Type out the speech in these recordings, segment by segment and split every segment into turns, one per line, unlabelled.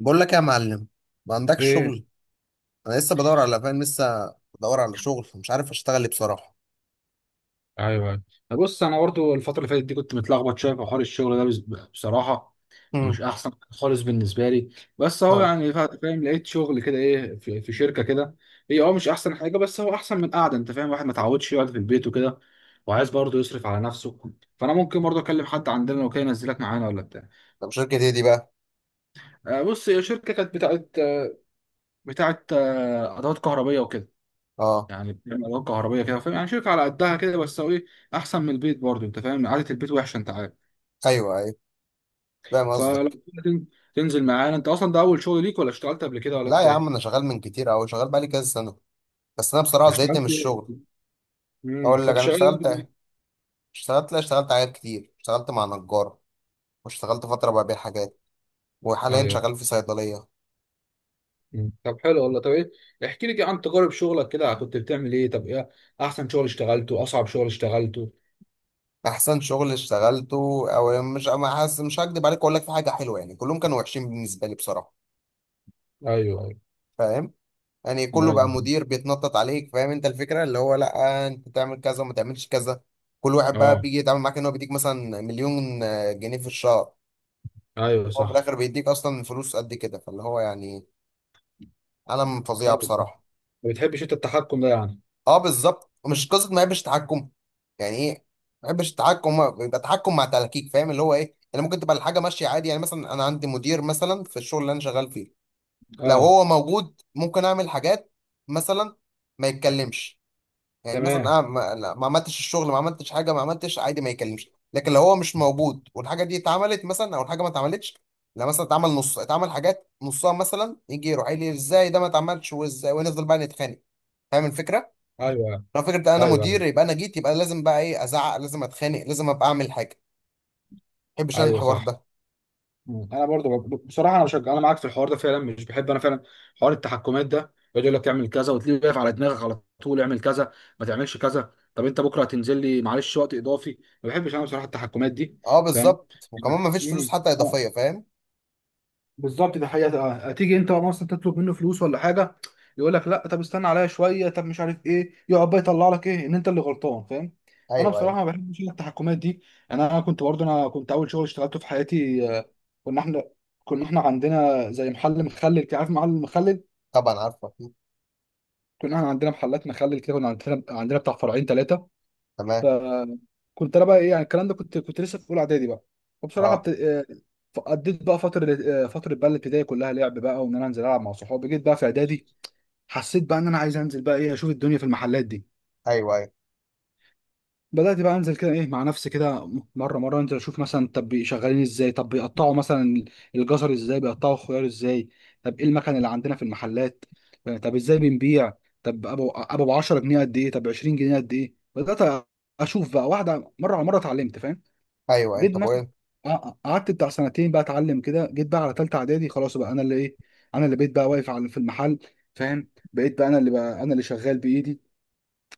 بقول لك يا معلم، ما عندكش
ايه.
شغل؟ انا لسه بدور على فاهم، لسه بدور على شغل، مش عارف اشتغل ايه بصراحه.
ايوه، ايوه، بص انا برضو الفتره اللي فاتت دي كنت متلخبط شويه في حوار الشغل ده بصراحه. ومش
امم.
احسن خالص بالنسبه لي. بس هو
ها،
يعني فاهم لقيت شغل كده ايه في شركه كده. هي مش احسن حاجه. بس هو احسن من قاعده انت فاهم. واحد ما اتعودش يقعد في البيت وكده، وعايز برضه يصرف على نفسه. فانا ممكن برضه اكلم حد عندنا لو كان ينزلك معانا ولا بتاع.
طب شركه ايه دي بقى؟
بص هي شركه كانت بتاعت ادوات كهربيه وكده.
اه،
يعني بتعمل علاقة كهربية كده فاهم. يعني شركة على قدها كده بس هو ايه، أحسن من البيت برضه. أنت فاهم قعدة البيت وحشة أنت عارف.
ايوه ايوه، فاهم
فلو
قصدك.
كده تنزل معانا. أنت أصلا ده أول شغل ليك، ولا اشتغلت قبل كده، ولا
لا
أنت
يا عم،
إيه؟
انا شغال من كتير قوي، شغال بقالي كذا سنه، بس انا بصراحه زهقت
اشتغلت
من
إيه؟
الشغل.
مم.
اقول لك
كنت
انا
شغال إيه في
اشتغلت.
البيت؟
اشتغلت لا اشتغلت حاجات كتير، اشتغلت مع نجار، واشتغلت فتره ببيع حاجات، وحاليا
أيوه.
شغال في صيدليه.
مم. طب حلو والله. طب إيه، احكي لي كده عن تجارب شغلك كده. كنت بتعمل إيه؟ طب إيه، أحسن شغل اشتغلته، أصعب شغل اشتغلته؟
احسن شغل اشتغلته؟ او مش ما حاسس، مش هكدب عليك، اقول لك في حاجه حلوه يعني، كلهم كانوا وحشين بالنسبه لي بصراحه.
أيوه. أيوه.
فاهم، يعني كله بقى
أيوه.
مدير بيتنطط عليك، فاهم انت الفكره، اللي هو لا انت تعمل كذا وما تعملش كذا. كل واحد بقى
أه.
بيجي يتعامل معاك ان هو بيديك مثلا مليون جنيه في الشهر.
أيوه
هو في
صح.
الاخر بيديك اصلا فلوس قد كده، فاللي هو يعني عالم فظيع
أيوه،
بصراحه.
ما بتحبش أنت التحكم ده يعني.
اه بالظبط، مش قصه ما يحبش تحكم. يعني ايه؟ ما يحبش التحكم، هو بيبقى تحكم مع تلكيك، فاهم اللي هو ايه، يعني ممكن تبقى الحاجه ماشيه عادي. يعني مثلا انا عندي مدير مثلا في الشغل اللي انا شغال فيه، لو
أه.
هو موجود ممكن اعمل حاجات. مثلا ما يتكلمش. يعني مثلا
تمام.
انا ما عملتش الشغل، ما عملتش حاجه، ما عملتش عادي، ما يكلمش. لكن لو هو مش موجود والحاجه دي اتعملت مثلا، او الحاجه ما اتعملتش، لا مثلا اتعمل نص، اتعمل حاجات نصها مثلا، يجي يروح قايل لي ازاي ده ما اتعملش وازاي، ونفضل بقى نتخانق. فاهم الفكره؟
أيوه. أيوه.
لو فكره انا مدير
أيوه.
يبقى انا جيت، يبقى لازم بقى ايه، ازعق، لازم اتخانق، لازم ابقى اعمل حاجه. ما بحبش انا
أيوه
الحوار
صح.
ده.
مم. انا برضو بصراحه انا بشجع، انا معاك في الحوار ده فعلا. مش بحب انا فعلا حوار التحكمات ده. يقعد يقول لك اعمل كذا، وتلاقيه واقف على دماغك على طول. اعمل كذا، ما تعملش كذا. طب انت بكره هتنزل لي معلش وقت اضافي. ما بحبش انا بصراحه التحكمات دي.
اه
فاهم.
بالظبط، وكمان ما فيش فلوس
مم.
حتى
اه.
اضافيه، فاهم.
بالظبط دي حقيقة. اه تيجي انت مثلا تطلب منه فلوس ولا حاجة، يقول لك لا طب استنى عليا شوية. طب مش عارف ايه، يقعد بقى يطلع لك ايه ان انت اللي غلطان فاهم. فانا
ايوه ايوه.
بصراحة ما بحبش التحكمات دي. يعني انا كنت اول شغل اشتغلته في حياتي. كنا احنا كنا احنا عندنا زي محل مخلل كده، عارف محل المخلل.
طبعا عارفه.
كنا احنا عندنا محلات مخلل كده. كنا عندنا بتاع فرعين ثلاثة.
تمام.
فكنت انا بقى ايه يعني الكلام ده، كنت لسه في اولى اعدادي بقى. وبصراحه
اه.
بت... آه، قضيت بقى فتره، فتره بقى الابتدائي كلها لعب بقى، وان انا انزل العب مع صحابي. جيت بقى في اعدادي. حسيت بقى ان انا عايز انزل بقى ايه، اشوف الدنيا في المحلات دي.
ايوه ايوه.
بدات بقى انزل كده ايه مع نفسي كده، مره مره انزل اشوف مثلا طب شغالين ازاي، طب بيقطعوا مثلا الجزر ازاي، بيقطعوا الخيار ازاي، طب ايه المكان اللي عندنا في المحلات، يعني طب ازاي بنبيع، طب ابو 10 جنيه قد ايه، طب 20 جنيه قد ايه. بدات اشوف بقى، واحده مره على مره اتعلمت فاهم.
ايوه ايوه،
جيت
طب
مثلا
وايه؟
قعدت بتاع سنتين بقى اتعلم كده. جيت بقى على تالتة اعدادي خلاص بقى. انا اللي ايه، انا اللي بقيت بقى واقف على في المحل فاهم. بقيت بقى انا اللي شغال بايدي،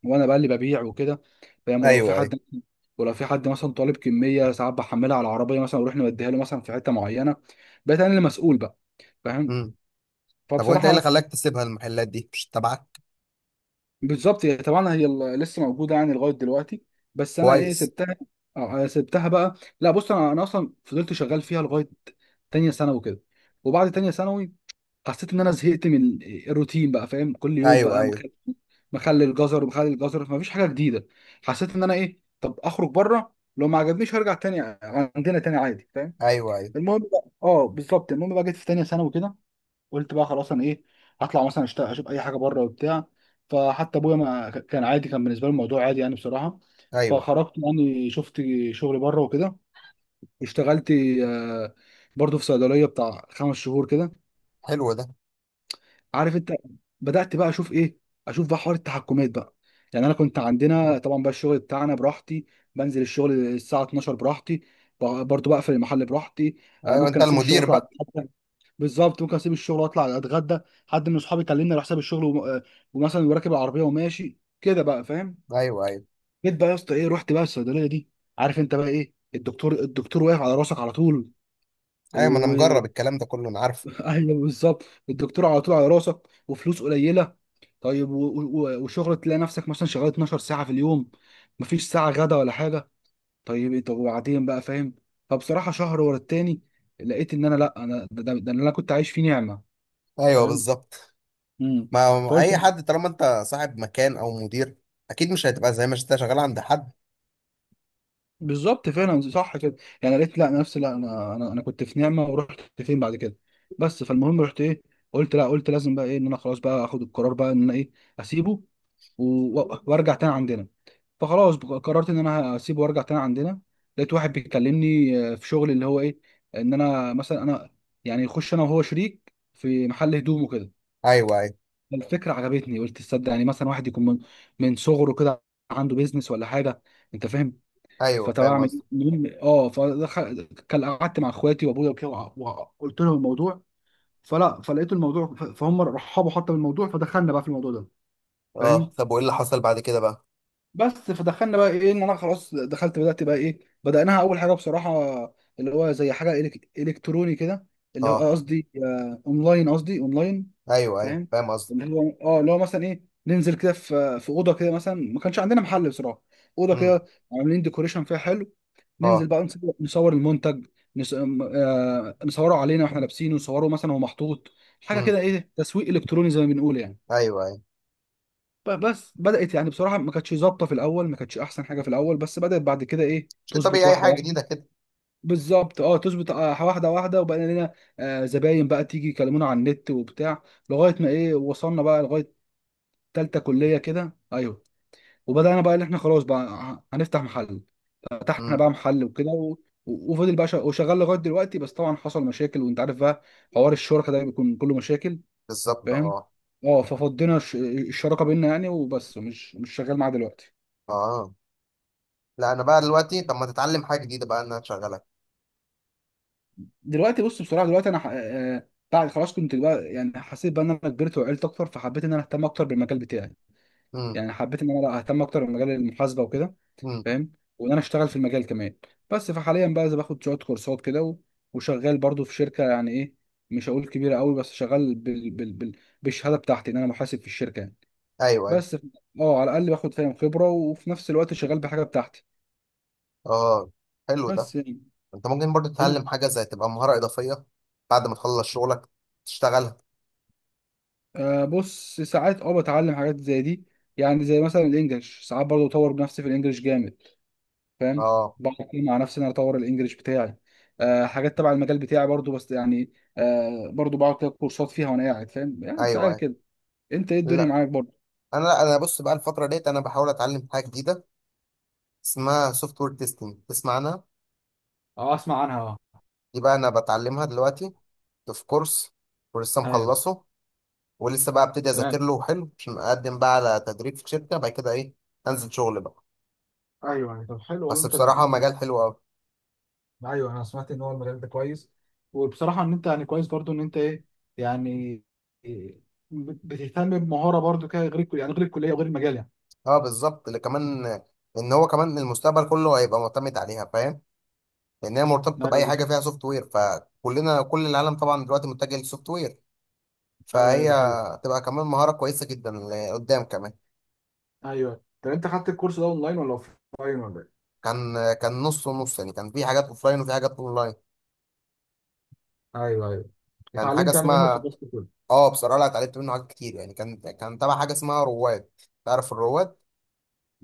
وانا بقى اللي ببيع وكده فاهم. ولو في
ايوه
حد ولو في حد مثلا طالب كمية، ساعات بحملها على العربية مثلا واروح نوديها له مثلا في حتة معينة. بقيت انا اللي مسؤول بقى فاهم.
ايوه، طب وانت ايه اللي
فبصراحة.
خلاك تسيبها المحلات دي مش تبعك؟
بالظبط، هي طبعا لسه موجوده يعني لغايه دلوقتي. بس انا ايه
كويس.
سبتها؟ سبتها بقى، لا بص، انا اصلا فضلت شغال فيها لغايه تانية ثانوي كده. وبعد تانية ثانوي، حسيت ان انا زهقت من الروتين بقى فاهم. كل يوم
ايوه
بقى
ايوه.
مخلي، مخلي الجزر ومخلي الجزر، فمفيش حاجه جديده. حسيت ان انا ايه، طب اخرج بره لو ما عجبنيش هرجع تاني. عندنا تاني عادي فاهم.
ايوه ايوه.
المهم بقى. اه، بالظبط. المهم بقى جيت في تانية ثانوي كده. قلت بقى خلاص، انا ايه، هطلع مثلا اشتغل اشوف اي حاجه بره وبتاع. فحتى ابويا ما كان عادي، كان بالنسبه له الموضوع عادي يعني بصراحه.
ايوه.
فخرجت يعني شفت شغل بره وكده، اشتغلت آه، برضه في صيدليه بتاع 5 شهور كده،
حلو ده.
عارف انت. بدات بقى اشوف ايه، اشوف بقى حوار التحكمات بقى. يعني انا كنت عندنا طبعا بقى الشغل بتاعنا براحتي، بنزل الشغل الساعه 12 براحتي، برضه بقفل المحل براحتي.
ايوه، انت
ممكن اسيب الشغل
المدير
اطلع.
بقى.
بالظبط، ممكن اسيب الشغل واطلع اتغدى. حد من اصحابي كلمني على حساب الشغل وم... آه، ومثلا وراكب العربيه وماشي كده بقى فاهم.
ايوه ايوه.
جيت بقى يا اسطى ايه، رحت بقى الصيدليه دي عارف انت بقى ايه، الدكتور واقف على راسك على طول
ايوه، ما انا
و
مجرب الكلام ده كله، انا عارفه.
ايوه بالظبط، الدكتور على طول على راسك، وفلوس قليله. طيب وشغل تلاقي نفسك مثلا شغال 12 ساعه في اليوم، مفيش ساعه غدا ولا حاجه. طب وبعدين بقى فاهم. فبصراحه شهر ورا التاني. لقيت ان انا لا، انا ده اللي انا كنت عايش فيه نعمه
ايوه
فاهم.
بالظبط.
امم.
ما
فقلت.
اي حد طالما انت صاحب مكان او مدير، اكيد مش هتبقى زي ما انت شغال عند حد.
بالظبط فعلا صح كده. يعني قالت لا نفسي، لا انا كنت في نعمه، ورحت فين بعد كده؟ بس فالمهم رحت ايه، قلت لا، قلت لازم بقى ايه ان انا خلاص بقى اخد القرار بقى ان انا ايه، اسيبه وارجع تاني عندنا. فخلاص قررت ان انا هسيبه وارجع تاني عندنا. لقيت واحد بيكلمني في شغل اللي هو ايه، ان انا مثلا انا يعني يخش انا وهو شريك في محل هدوم وكده.
ايوه ايوه.
الفكره عجبتني، قلت تصدق يعني مثلا واحد يكون من صغره كده عنده بيزنس ولا حاجه، انت فاهم.
ايوه،
فطبعا
فاهم
اعمل إيه؟
قصدك.
المهم فدخل كان قعدت مع اخواتي وابويا وكده وقلت لهم الموضوع. فلا، فلقيت الموضوع فهم رحبوا حتى بالموضوع. فدخلنا بقى في الموضوع ده
اه،
فاهم.
طب وايه اللي حصل بعد كده بقى؟
بس فدخلنا بقى ايه، ان انا خلاص دخلت، بدات بقى ايه بدأناها اول حاجه بصراحه، اللي هو زي حاجه الكتروني كده، اللي هو
اه،
قصدي اونلاين
ايوه ايوه،
فاهم.
فاهم قصدك.
اللي هو مثلا ايه، ننزل كده في اوضه كده. مثلا ما كانش عندنا محل بصراحه، اوضه
امم.
كده عاملين ديكوريشن فيها حلو. ننزل
اه.
بقى نصور المنتج، نس... م- آه، نصوره علينا واحنا لابسينه، نصوره مثلا وهو محطوط، حاجه
امم.
كده ايه، تسويق الكتروني زي ما بنقول يعني.
ايوه ايوه.
بس بدات يعني بصراحه ما كانتش ظابطه في الاول، ما كانتش احسن حاجه في الاول، بس بدات بعد كده ايه
شيء
تظبط
طبيعي، اي
واحده
حاجه
واحده.
جديده كده.
بالظبط. اه، تظبط واحده واحده. وبقى لنا زباين بقى تيجي يكلمونا على النت وبتاع، لغايه ما ايه، وصلنا بقى لغايه تالتة كليه كده. ايوه، وبدانا بقى ان احنا خلاص بقى هنفتح محل. فتحنا
امم.
بقى محل وكده وفضل بقى وشغال لغايه دلوقتي. بس طبعا حصل مشاكل وانت عارف بقى. حوار الشركه ده بيكون كله مشاكل.
بالظبط.
فاهم.
اه.
اه، ففضينا الشراكه بينا يعني وبس، مش شغال معاه دلوقتي.
اه لا، انا بقى دلوقتي، طب ما تتعلم حاجه جديده بقى، ان انا اشغلك.
دلوقتي بص بصراحه، دلوقتي انا بعد خلاص كنت بقى يعني حسيت بقى ان انا كبرت وعقلت اكتر، فحبيت ان انا اهتم اكتر بالمجال بتاعي.
امم.
يعني حبيت ان انا لا اهتم اكتر بمجال المحاسبه وكده
امم.
فاهم. وان انا اشتغل في المجال كمان. بس فحاليا بقى زي باخد شويه كورسات كده وشغال برضو في شركه. يعني ايه، مش هقول كبيره قوي، بس شغال بالشهاده بتاعتي ان انا محاسب في الشركه يعني.
ايوه ايوه.
بس اه على الاقل باخد فاهم خبره، وفي نفس الوقت شغال بحاجه بتاعتي.
اه، حلو ده.
بس يعني
انت ممكن برضو تتعلم
إن...
حاجه، زي تبقى مهاره اضافيه بعد ما تخلص شغلك تشتغلها.
بص ساعات بتعلم حاجات زي دي. يعني زي مثلا الانجليش، ساعات برضو بطور بنفسي في الانجليش جامد فاهم.
اه.
بقعد كتير مع نفسي إن انا اطور الانجليش بتاعي. حاجات تبع المجال بتاعي برضو بس يعني. برضو بقعد كده كورسات فيها وانا قاعد فاهم يعني
ايوه
ساعات
ايوه.
كده. انت ايه الدنيا
لا
معاك برضو؟
لا انا بص بقى، الفتره ديت انا بحاول اتعلم حاجه جديده اسمها سوفت وير تيستنج، تسمع عنها؟
اه اسمع عنها. اه.
دي بقى انا بتعلمها دلوقتي، في كورس، ولسه
ايوه.
مخلصه، ولسه بقى ابتدي
تمام.
اذاكر له حلو، عشان اقدم بقى على تدريب في شركه بعد كده ايه، انزل شغل بقى.
ايوه، يعني طب حلو والله.
بس
انت
بصراحه مجال حلو قوي.
ايوه، انا سمعت ان هو المجال ده كويس. وبصراحه ان انت يعني كويس برضو، ان انت ايه يعني إيه، بتهتم بمهاره برضو كده، غير الكل- يعني غير الكليه وغير المجال يعني.
اه بالظبط، اللي كمان ان هو كمان المستقبل كله هيبقى معتمد عليها، فاهم، لان هي مرتبطه باي حاجه
ايوه،
فيها سوفت وير، فكلنا كل العالم طبعا دلوقتي متجه للسوفت وير،
ايوه، أيوة،
فهي
ده حقيقي.
تبقى كمان مهاره كويسه جدا لقدام كمان.
ايوه، طب انت خدت الكورس ده اونلاين ولا اوفلاين ولا إيه؟
كان نص ونص يعني، كان في حاجات اوفلاين وفي حاجات اونلاين.
ايوه، ايوه،
كان حاجه
اتعلمت يعني منه
اسمها،
خبرات كتير.
اه بصراحه لا اتعلمت منه حاجات كتير يعني، كان تبع حاجه اسمها رواد، تعرف الرواد؟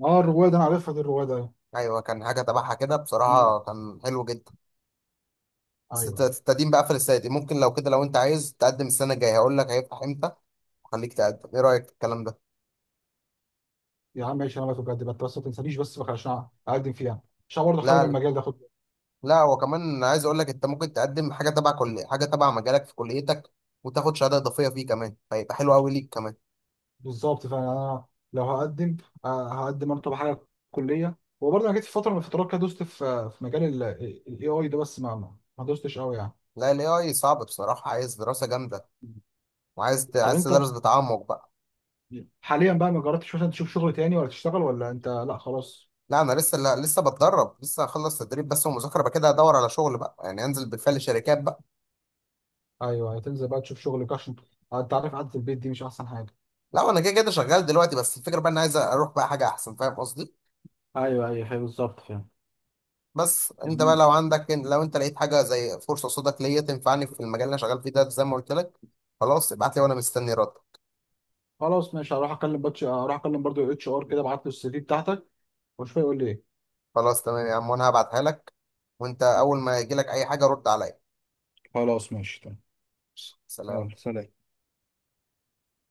اه الروايه دي انا عارفها، دي الروايه دي. ايوه.
ايوه، كان حاجه تبعها كده،
ايوه.
بصراحه كان حلو جدا. بس الت-
أيوة.
التقديم بقى قفل السنه دي. ممكن لو كده، لو انت عايز تقدم السنه الجايه هقول لك هيفتح امتى، خليك تقدم. ايه رايك في الكلام ده؟
يا عم ماشي، انا بقى بجد بقى بس ما تنسانيش بس بقى عشان اقدم فيها، عشان برضه حابب
لا لا.
المجال ده خد.
لا، وكمان عايز اقول لك، انت ممكن تقدم حاجه تبع كل حاجه تبع مجالك في كليتك، وتاخد شهاده اضافيه فيه كمان، فيبقى حلو قوي ليك كمان.
بالظبط، فانا لو هقدم انا طبعا حاجه كليه. وبرضه انا جيت في فتره من الفترات كده دوست في مجال الاي اي ده، بس ما دوستش قوي يعني.
لا الاي اي صعب بصراحه، عايز دراسه جامده،
طب
عايز
انت
تدرس بتعمق بقى.
حاليا بقى ما جربتش مثلا تشوف شغل تاني ولا تشتغل ولا انت لا خلاص؟
لا انا لسه، لا لسه بتدرب، لسه هخلص تدريب بس ومذاكره بقى كده، ادور على شغل بقى يعني، انزل بالفعل شركات بقى.
ايوه، تنزل بقى تشوف شغل، عشان انت عارف قعده البيت دي مش احسن حاجه.
لا انا كده كده شغال دلوقتي، بس الفكره بقى انا عايز اروح بقى حاجه احسن، فاهم قصدي.
ايوه، ايوه، أيوة، بالظبط فاهم.
بس انت بقى
جميل.
لو عندك، لو انت لقيت حاجه زي فرصه قصادك ليا تنفعني في المجال اللي انا شغال فيه ده، زي ما قلت لك، خلاص ابعت لي وانا مستني رد.
خلاص ماشي، هروح اكلم برضو HR كده، ابعت له CV بتاعتك واشوف هيقول لي ايه.
خلاص تمام يا عم، وانا هبعتها لك، وانت اول ما يجي لك اي حاجه رد عليا.
خلاص ماشي تمام.
سلام.
يلا سلام.